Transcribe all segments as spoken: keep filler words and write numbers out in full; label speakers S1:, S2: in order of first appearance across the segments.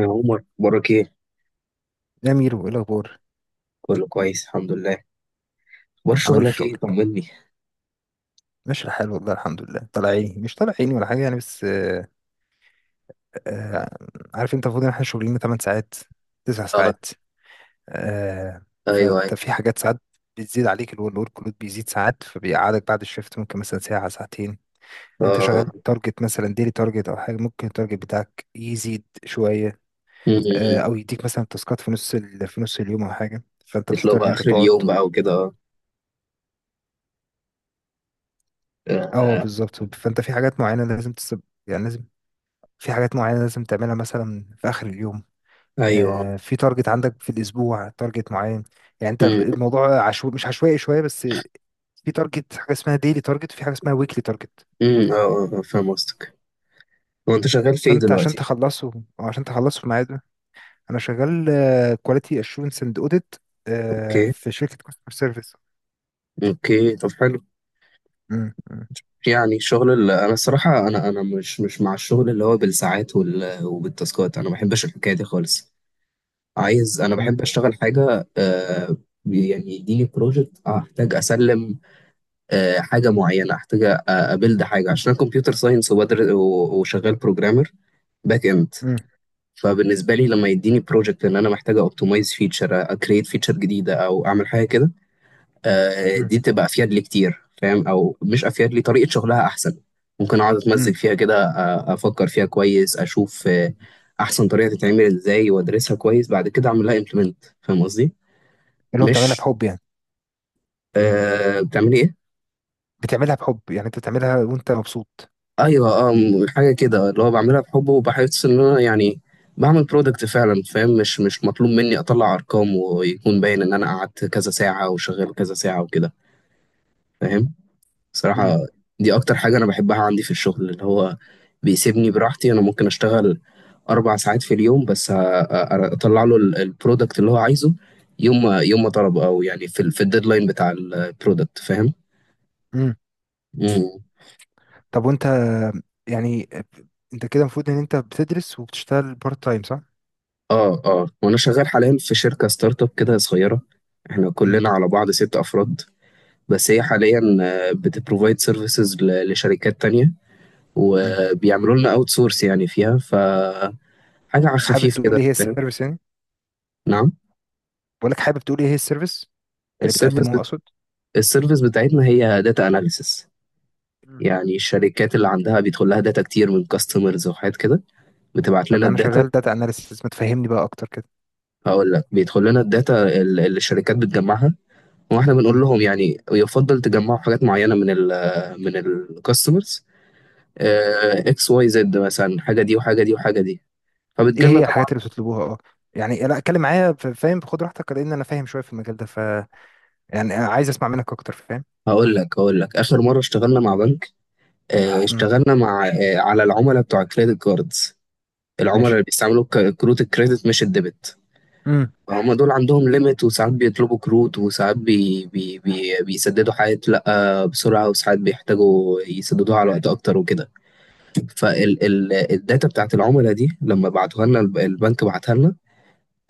S1: يا عمر، اخبارك ايه؟
S2: يا ميرو ايه الاخبار؟
S1: كله كويس، الحمد لله. اخبار
S2: عامل إيه
S1: شغلك ايه؟
S2: الشغل؟
S1: طمني.
S2: ماشي الحال والله الحمد لله. طلع عيني، مش طلع عيني ولا حاجه يعني، بس آه. آه، عارف انت المفروض ان احنا شغلنا تمن ساعات، تسع
S1: اه.
S2: ساعات. آه.
S1: ايوه، ايوه.
S2: فانت في حاجات ساعات بتزيد عليك، اللي هو الورك لود بيزيد ساعات، فبيقعدك بعد الشفت ممكن مثلا ساعه ساعتين. انت
S1: اه.
S2: شغال تارجت مثلا ديلي تارجت او حاجه، ممكن التارجت بتاعك يزيد شويه. آه،
S1: أمم.
S2: او يديك مثلا تاسكات في نص ال... في نص اليوم او حاجه، فانت
S1: تطلع
S2: بتضطر ان
S1: بقى
S2: انت
S1: اخر
S2: تقعد.
S1: اليوم بقى وكده، اه.
S2: اه
S1: آه.
S2: بالظبط، فانت في حاجات معينه لازم تسب، يعني لازم، في حاجات معينة لازم تعملها مثلا في آخر اليوم.
S1: ايوه.
S2: آه، في تارجت عندك في الأسبوع تارجت معين. يعني أنت ب-
S1: أمم.
S2: الموضوع عشو... مش عشوائي شوية بس. في تارجت، حاجة اسمها ديلي تارجت، وفي حاجة اسمها ويكلي تارجت.
S1: أمم. اه، اه، آه، فاهم قصدك. هو انت شغال في ايه
S2: فأنت عشان
S1: دلوقتي؟
S2: تخلصه، أو عشان تخلصه في ميعاده. أنا شغال كواليتي أشورنس أند أوديت
S1: اوكي.
S2: في شركة كاستمر سيرفيس.
S1: اوكي، طب حلو.
S2: مم، مم،
S1: يعني الشغل اللي انا الصراحه انا انا مش مش مع الشغل اللي هو بالساعات وال... وبالتاسكات، انا ما بحبش الحكايه دي خالص. عايز انا
S2: مم،
S1: بحب اشتغل حاجه، آه يعني يديني بروجكت احتاج اسلم. آه، حاجه معينه احتاج أ- ابيلد حاجه عشان كمبيوتر ساينس وبدر و- وشغال بروجرامر. باك اند.
S2: مم،
S1: فبالنسبه لي، لما يديني بروجكت ان انا محتاج اوبتمايز فيتشر، اكريت فيتشر جديده، او اعمل حاجه كده. آه،
S2: مم،
S1: دي تبقى افيد لي كتير، فاهم، او مش افيد لي، طريقه شغلها احسن. ممكن اقعد
S2: مم.
S1: اتمزج فيها كده، آه، افكر فيها كويس، اشوف، آه، احسن طريقه تتعمل ازاي، وادرسها كويس، بعد كده اعمل لها امبلمنت. فاهم قصدي؟
S2: اللي هو بتعملها
S1: مش،
S2: بحب يعني.
S1: آه، بتعملي ايه؟
S2: بتعملها بحب يعني، أنت بتعملها وأنت مبسوط.
S1: ايوه، اه، م- حاجه كده، اللي هو بعملها بحب، وبحس ان انا يعني بعمل برودكت فعلا. فاهم؟ مش مش مطلوب مني اطلع ارقام ويكون باين ان انا قعدت كذا ساعه وشغال كذا ساعه وكده. فاهم؟ صراحه. دي اكتر حاجه انا بحبها عندي في الشغل، اللي هو بيسيبني براحتي. انا ممكن اشتغل اربع ساعات في اليوم بس، أ- أ- اطلع له ال- البرودكت اللي هو عايزه. يوم ما يوم ما طلب، او يعني في ال- في الديدلاين بتاع البرودكت.
S2: مم.
S1: فاهم؟
S2: طب وانت، يعني، انت كده المفروض ان انت بتدرس وبتشتغل بارت تايم صح؟
S1: اه، اه، وانا شغال حاليا في شركه ستارت اب كده صغيره. احنا
S2: امم.
S1: كلنا على بعض ست افراد. بس هي حاليا بتبروفايد سيرفيسز لشركات تانية،
S2: امم.
S1: وبيعملوا لنا اوت سورس، يعني فيها ف حاجه على
S2: حابب
S1: خفيف
S2: تقول
S1: كده.
S2: ايه هي
S1: فاهم؟
S2: السيرفيس يعني؟
S1: نعم.
S2: بقول لك، حابب تقول ايه هي السيرفيس اللي
S1: السيرفيس
S2: بتقدمه
S1: بت...
S2: اقصد؟
S1: السيرفيس بتاعتنا هي داتا اناليسس.
S2: مم.
S1: يعني الشركات اللي عندها بيدخل لها داتا كتير من كاستمرز وحاجات كده، بتبعت لنا
S2: طب انا
S1: الداتا.
S2: شغال داتا اناليسيس، ما تفهمني بقى اكتر كده.
S1: هقول لك، بيدخل لنا الداتا اللي الشركات بتجمعها، واحنا بنقول
S2: مم.
S1: لهم يعني يفضل تجمعوا حاجات معينه من ال من الكاستمرز. اكس واي زد مثلا، حاجه دي وحاجه دي وحاجه دي،
S2: ايه
S1: فبتجيلنا
S2: هي
S1: طبعا.
S2: الحاجات اللي بتطلبوها؟ اه، يعني لا اتكلم معايا، ف- فاهم، خد راحتك، لان انا فاهم شويه في المجال ده. ف يعني عايز اسمع منك اكتر، فاهم؟
S1: هقول لك هقول لك، اخر مره اشتغلنا مع بنك. آه،
S2: امم.
S1: اشتغلنا مع آه، على العملاء بتوع الكريدت كاردز. العملاء
S2: ماشي.
S1: اللي بيستعملوا ك- كروت الكريدت، مش الديبت.
S2: امم.
S1: فهم دول عندهم ليميت، وساعات بيطلبوا كروت، وساعات بي بي بي بيسددوا حاجات لا بسرعه، وساعات بيحتاجوا يسددوها على وقت اكتر وكده. فالداتا بتاعت العملاء دي، لما بعتوها لنا الب- البنك بعتها لنا.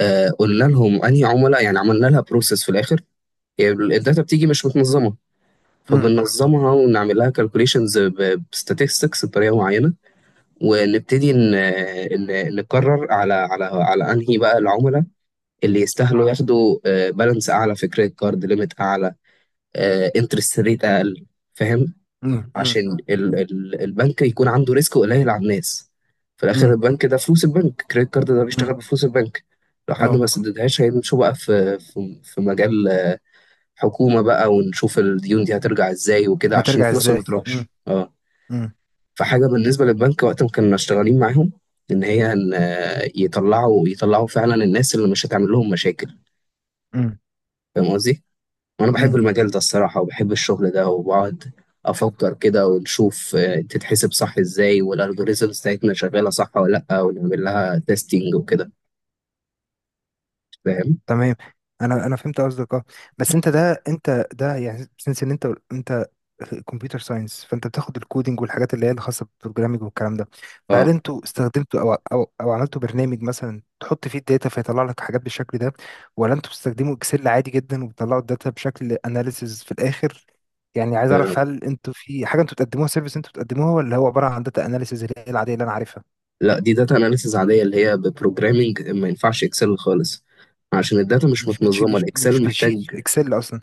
S1: آه، قلنا لهم انهي عملاء، يعني عملنا لها بروسيس في الاخر. يعني الداتا بتيجي مش متنظمه،
S2: امم.
S1: فبننظمها ونعمل لها كالكوليشنز بستاتستكس بطريقه معينه، ونبتدي ن- ن- نقرر على على على انهي بقى العملاء اللي يستاهلوا ياخدوا بالانس اعلى، في كريدت كارد ليميت اعلى، انترست ريت اقل. فاهم؟
S2: امم. امم.
S1: عشان ال ال البنك يكون عنده ريسك قليل على الناس. في الاخر،
S2: امم.
S1: البنك ده فلوس البنك، كريدت كارد ده بيشتغل
S2: امم.
S1: بفلوس البنك. لو حد ما
S2: اه.
S1: سددهاش هيمشوا بقى في في في مجال حكومة بقى، ونشوف الديون دي هترجع ازاي وكده، عشان
S2: هترجع
S1: فلوسهم ما
S2: ازاي؟ امم.
S1: تروحش، اه.
S2: امم.
S1: فحاجة بالنسبة للبنك وقت ما كنا شغالين معاهم، ان هي ان آه، يطلعوا يطلعوا فعلا الناس اللي مش هتعمل لهم مشاكل.
S2: امم.
S1: فاهم قصدي؟ وانا بحب المجال
S2: امم.
S1: ده الصراحة، وبحب الشغل ده، وبقعد افكر كده، ونشوف آه، تتحسب صح ازاي، والالجوريزمز بتاعتنا شغالة صح ولا لا، ونعمل لها تيستنج وكده. فاهم؟
S2: تمام. انا انا فهمت قصدك اه. بس انت ده انت ده يعني سنس ان انت انت كمبيوتر ساينس، فانت بتاخد الكودينج والحاجات اللي هي الخاصه بالبروجرامينج والكلام ده.
S1: اه،
S2: فهل انتوا استخدمتوا او او او عملتوا برنامج مثلا تحط فيه الداتا فيطلع لك حاجات بالشكل ده، ولا انتوا بتستخدموا اكسل عادي جدا وبتطلعوا الداتا بشكل اناليسز في الاخر؟ يعني عايز
S1: آه،
S2: اعرف هل انتوا في حاجه انتوا بتقدموها سيرفيس انتوا بتقدموها، ولا هو عباره عن داتا اناليسز اللي هي العاديه اللي انا عارفها؟
S1: لا، دي داتا اناليسيز عادية، اللي هي ببروجرامينج، ما ينفعش اكسل خالص. عشان الداتا مش
S2: مش بتشيت،
S1: متنظمة،
S2: مش مش
S1: الاكسل
S2: بتشيت
S1: محتاج.
S2: اكسل اصلا؟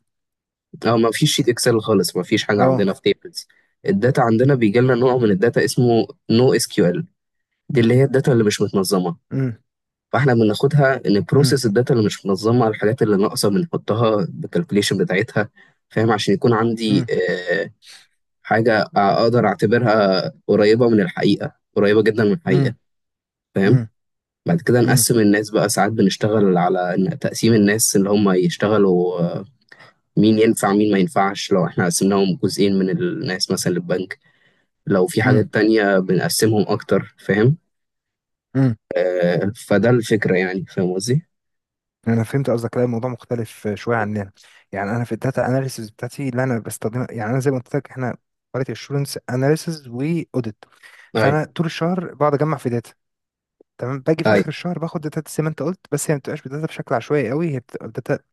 S1: اه، ما فيش شيت اكسل خالص، ما فيش حاجة
S2: اه.
S1: عندنا في تيبلز. الداتا عندنا بيجي لنا نوع من الداتا اسمه نو اس كيو ال، دي اللي هي الداتا اللي مش متنظمة.
S2: امم.
S1: فاحنا بناخدها،
S2: امم،
S1: نبروسيس الداتا اللي مش منظمه، على الحاجات اللي ناقصه بنحطها بالكالكوليشن بتاعتها. فاهم؟ عشان يكون عندي
S2: امم.
S1: آه، حاجه اقدر اعتبرها قريبه من الحقيقه، قريبه جدا من
S2: امم.
S1: الحقيقه. فاهم؟
S2: امم.
S1: بعد كده
S2: امم.
S1: نقسم الناس بقى، ساعات بنشتغل على إن- تقسيم الناس اللي هم يشتغلوا، آه، مين ينفع مين ما ينفعش. لو احنا قسمناهم جزئين من الناس مثلا للبنك، لو في حاجات
S2: امم.
S1: تانية بنقسمهم اكتر. فاهم؟
S2: امم.
S1: آه، فده الفكرة يعني. فاهم قصدي؟
S2: انا فهمت قصدك. لا الموضوع مختلف شويه عننا. يعني انا في الداتا اناليسيس بتاعتي اللي انا بستخدمها، يعني انا زي ما قلت لك، احنا كواليتي اشورنس اناليسيس واوديت. فانا
S1: ايوه،
S2: طول الشهر بقعد اجمع في داتا. تمام، باجي في اخر
S1: ايوه،
S2: الشهر باخد داتا زي ما انت قلت، بس هي ما بتبقاش داتا بشكل عشوائي قوي، هي بتبقى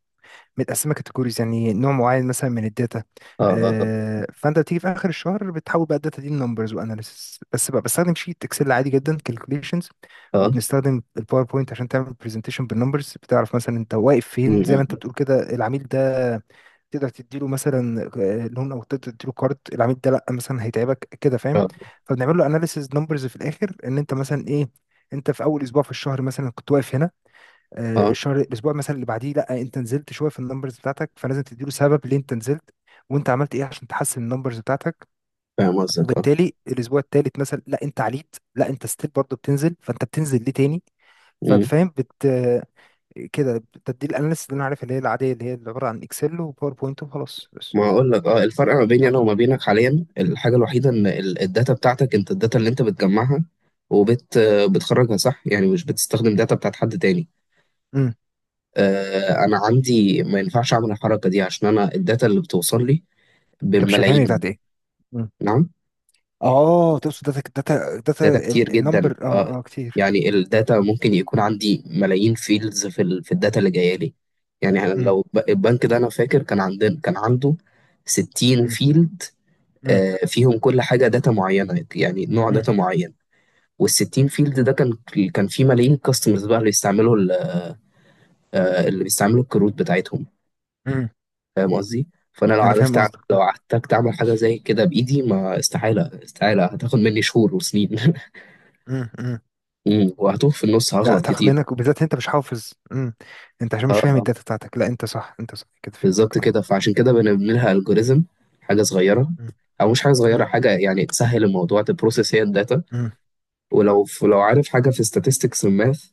S2: متقسمه كاتيجوريز يعني نوع معين مثلا من الداتا.
S1: اه، اه،
S2: آه، فانت بتيجي في اخر الشهر بتحول بقى الداتا دي لنمبرز واناليسيس، بس بقى بستخدم شيت اكسل عادي جدا، كالكوليشنز.
S1: اه،
S2: وبنستخدم الباوربوينت عشان تعمل برزنتيشن بالنمبرز، بتعرف مثلا انت واقف فين، زي ما
S1: مم.
S2: انت بتقول كده، العميل ده تقدر تديله مثلا آه، لون، او تقدر تديله كارد، العميل ده لا مثلا هيتعبك كده، فاهم.
S1: اه،
S2: فبنعمل له اناليسيس نمبرز في الاخر، ان انت مثلا ايه، انت في اول اسبوع في الشهر مثلا كنت واقف هنا. آه،
S1: اه،
S2: الشهر الاسبوع مثلا اللي بعديه لا انت نزلت شويه في النمبرز بتاعتك، فلازم تديله سبب ليه انت نزلت وانت عملت ايه عشان تحسن النمبرز بتاعتك.
S1: فاهم قصدك، اه،
S2: وبالتالي الاسبوع الثالث مثلا لا انت عليت، لا انت ستيل برضه بتنزل، فانت بتنزل ليه تاني؟
S1: مم.
S2: ففاهم، بت كده بتدي الاناليسيس اللي انا عارف اللي هي العاديه اللي هي اللي عباره عن اكسل وباوربوينت وخلاص بس.
S1: ما اقول لك، اه، الفرق ما بيني انا وما بينك حاليا، الحاجه الوحيده ان ال- الداتا بتاعتك، انت الداتا اللي انت بتجمعها وبت آه، بتخرجها صح يعني، مش بتستخدم داتا بتاعت حد تاني.
S2: امم.
S1: آه انا عندي ما ينفعش اعمل الحركه دي، عشان انا الداتا اللي بتوصل لي
S2: انت مش فاهمني
S1: بالملايين.
S2: بتاعت ايه. مم.
S1: نعم.
S2: اه تقصد داتا، داتا داتا.
S1: داتا كتير جدا،
S2: النمبر
S1: اه.
S2: اه اه كتير.
S1: يعني الداتا ممكن يكون عندي ملايين فيلدز في ال... في الداتا اللي جايه لي. يعني أنا
S2: امم.
S1: لو ب- البنك ده انا فاكر كان عندنا، كان عنده ستين
S2: امم.
S1: فيلد.
S2: امم.
S1: آه، فيهم كل حاجه، داتا معينه، يعني نوع داتا معين. وال60 فيلد ده كان، كان فيه ملايين كاستمرز بقى، اللي بيستعملوا ال- آه، اللي بيستعملوا الكروت بتاعتهم.
S2: امم.
S1: فاهم قصدي؟ فانا لو
S2: انا فاهم
S1: عرفت أع-
S2: قصدك.
S1: لو احتجت اعمل حاجه زي كده بايدي، ما استحاله، استحاله هتاخد مني شهور وسنين
S2: امم.
S1: مم، وهتوه في النص،
S2: لا
S1: هغلط
S2: تاخد
S1: كتير.
S2: منك، وبالذات انت مش حافظ. امم. انت عشان
S1: اه،
S2: مش فاهم
S1: آه،
S2: الداتا بتاعتك، لا انت صح، انت صح كده، فهمتك
S1: بالظبط
S2: اه.
S1: كده، فعشان كده بنعمل لها الجوريزم، حاجه صغيره.
S2: مم.
S1: او مش حاجه صغيره،
S2: مم.
S1: حاجه يعني تسهل الموضوع، تبروسس هي الداتا.
S2: مم.
S1: ولو لو عارف حاجه في statistics الماث،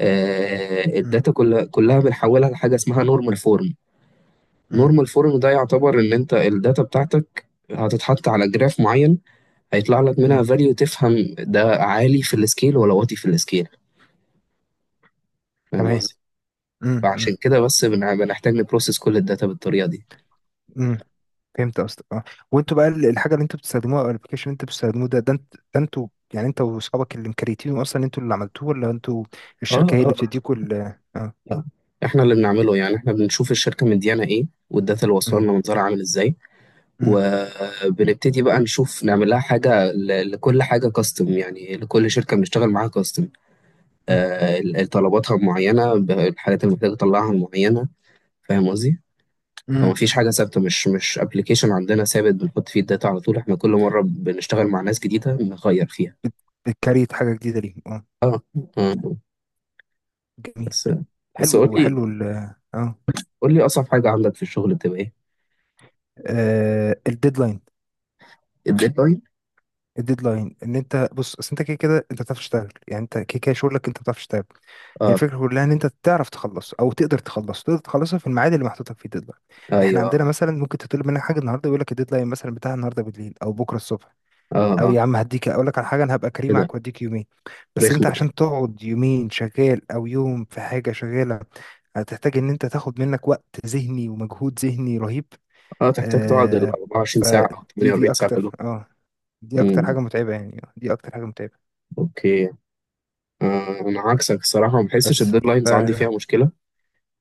S1: آه،
S2: مم.
S1: الداتا كلها كلها بنحولها لحاجه اسمها نورمال فورم.
S2: مم.
S1: نورمال فورم ده يعتبر ان انت الداتا بتاعتك هتتحط على جراف معين، هيطلع لك
S2: مم.
S1: منها فاليو، تفهم ده عالي في السكيل ولا واطي في السكيل. فاهم
S2: تمام.
S1: قصدي؟
S2: مم. مم.
S1: فعشان كده بس بنع- بنحتاج نبروسس كل الداتا بالطريقه دي.
S2: مم. فهمت قصدك اه. وانتوا بقى ال- الحاجه اللي انتوا بتستخدموها او الابلكيشن اللي انتوا بتستخدموه ده، ده انت ده انتوا يعني انت واصحابك اللي مكريتينه اصلا، انتوا اللي عملتوه، ولا انتوا
S1: اه،
S2: الشركه هي اللي
S1: اه،
S2: بتديكوا ال اه.
S1: آه. احنا اللي بنعمله، يعني احنا بنشوف الشركه مديانا ايه، والداتا اللي واصله
S2: مم.
S1: لنا منظرها عامل ازاي،
S2: مم.
S1: وبنبتدي بقى نشوف نعمل لها حاجه ل- لكل حاجه كاستم، يعني لكل شركه بنشتغل معاها كاستم.
S2: مم.
S1: آه، ال- طلباتها معينة، ب- الحاجات اللي محتاج أطلعها معينة. فاهم قصدي؟ فما
S2: مم.
S1: فيش حاجة ثابتة، مش مش أبلكيشن عندنا ثابت بنحط فيه الداتا على طول. إحنا كل مرة بنشتغل مع ناس جديدة نغير فيها.
S2: بت- بتكريت حاجه جديده ليهم اه.
S1: آه، آه.
S2: جميل.
S1: بس، بس
S2: حلو
S1: قول
S2: حلو
S1: لي،
S2: ال اه.
S1: قول لي أصعب حاجة عندك في الشغل بتبقى إيه؟
S2: الديدلاين.
S1: الديدلاين؟
S2: الديدلاين ان انت بص، اصل انت كده كده انت بتعرف تشتغل، يعني انت كده كده شغلك، انت بتعرف تشتغل. هي
S1: آه،
S2: الفكره كلها ان انت تعرف تخلص او تقدر تخلص، تقدر تخلصها في الميعاد اللي محطوط لك فيه، الديدلاين. احنا
S1: أيوه،
S2: عندنا مثلا ممكن تطلب منك حاجه النهارده، يقول لك الديدلاين مثلا بتاع النهارده بالليل او بكره الصبح.
S1: آه،
S2: او
S1: آه،
S2: يا عم هديك، اقول لك على حاجه انا هبقى كريم
S1: كده.
S2: معاك واديك يومين، بس
S1: رخمة
S2: انت
S1: دي.
S2: عشان تقعد يومين شغال او يوم في حاجه شغاله، هتحتاج ان انت تاخد منك وقت ذهني ومجهود ذهني رهيب.
S1: آه تحتاج تقعد ال
S2: آه،
S1: أربع وعشرين ساعة
S2: فدي،
S1: أو
S2: دي
S1: تمانيه واربعين ساعة
S2: اكتر
S1: كلهم.
S2: اه، دي اكتر
S1: مم،
S2: حاجه متعبه، يعني دي اكتر حاجه متعبه.
S1: اوكي. آه انا عكسك الصراحه، ما بحسش
S2: بس ف
S1: الديدلاينز عندي فيها مشكله.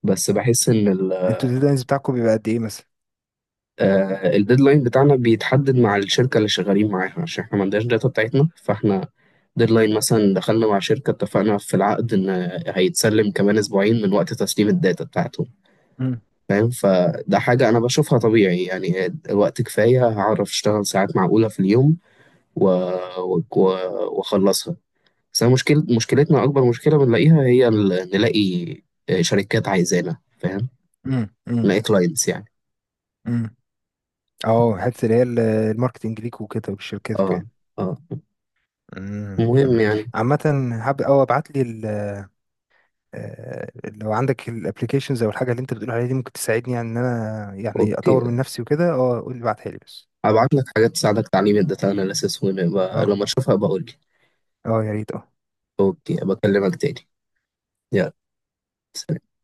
S1: بس بحس ان،
S2: انتوا الديدلاينز بتاعكم بيبقى قد ايه مثلا؟
S1: آه، الديدلاين بتاعنا بيتحدد مع الشركة اللي شغالين معاها، عشان احنا ما عندناش داتا بتاعتنا، فاحنا ديدلاين مثلا دخلنا مع شركة، اتفقنا في العقد ان هيتسلم كمان اسبوعين من وقت تسليم الداتا بتاعتهم.
S2: امم.
S1: فاهم؟ فده حاجة انا بشوفها طبيعي، يعني وقت كفاية هعرف اشتغل ساعات معقولة في اليوم، و... و... واخلصها. بس أنا مشكل... مشكلتنا، اكبر مشكلة بنلاقيها هي ال- نلاقي شركات عايزانا. فاهم؟
S2: امم. امم.
S1: نلاقي كلاينتس يعني.
S2: امم. اه، حته اللي هي ال- الماركتنج ليك وكده ولشركتكم
S1: اه،
S2: يعني.
S1: اه.
S2: امم.
S1: المهم
S2: أمم.
S1: يعني.
S2: عامه، حابب او ابعت لي ال- آه، لو عندك الابلكيشنز او الحاجه اللي انت بتقول عليها دي ممكن تساعدني، يعني ان انا يعني
S1: اوكي.
S2: اطور من نفسي وكده اه، قول لي، ابعتها لي بس.
S1: هبعت لك حاجات تساعدك تعليم الداتا اناليسيس، ولما
S2: اه
S1: لما اشوفها بقول لك.
S2: اه، يا ريت اه.
S1: اوكي، بكلمك تاني. يلا. سلام.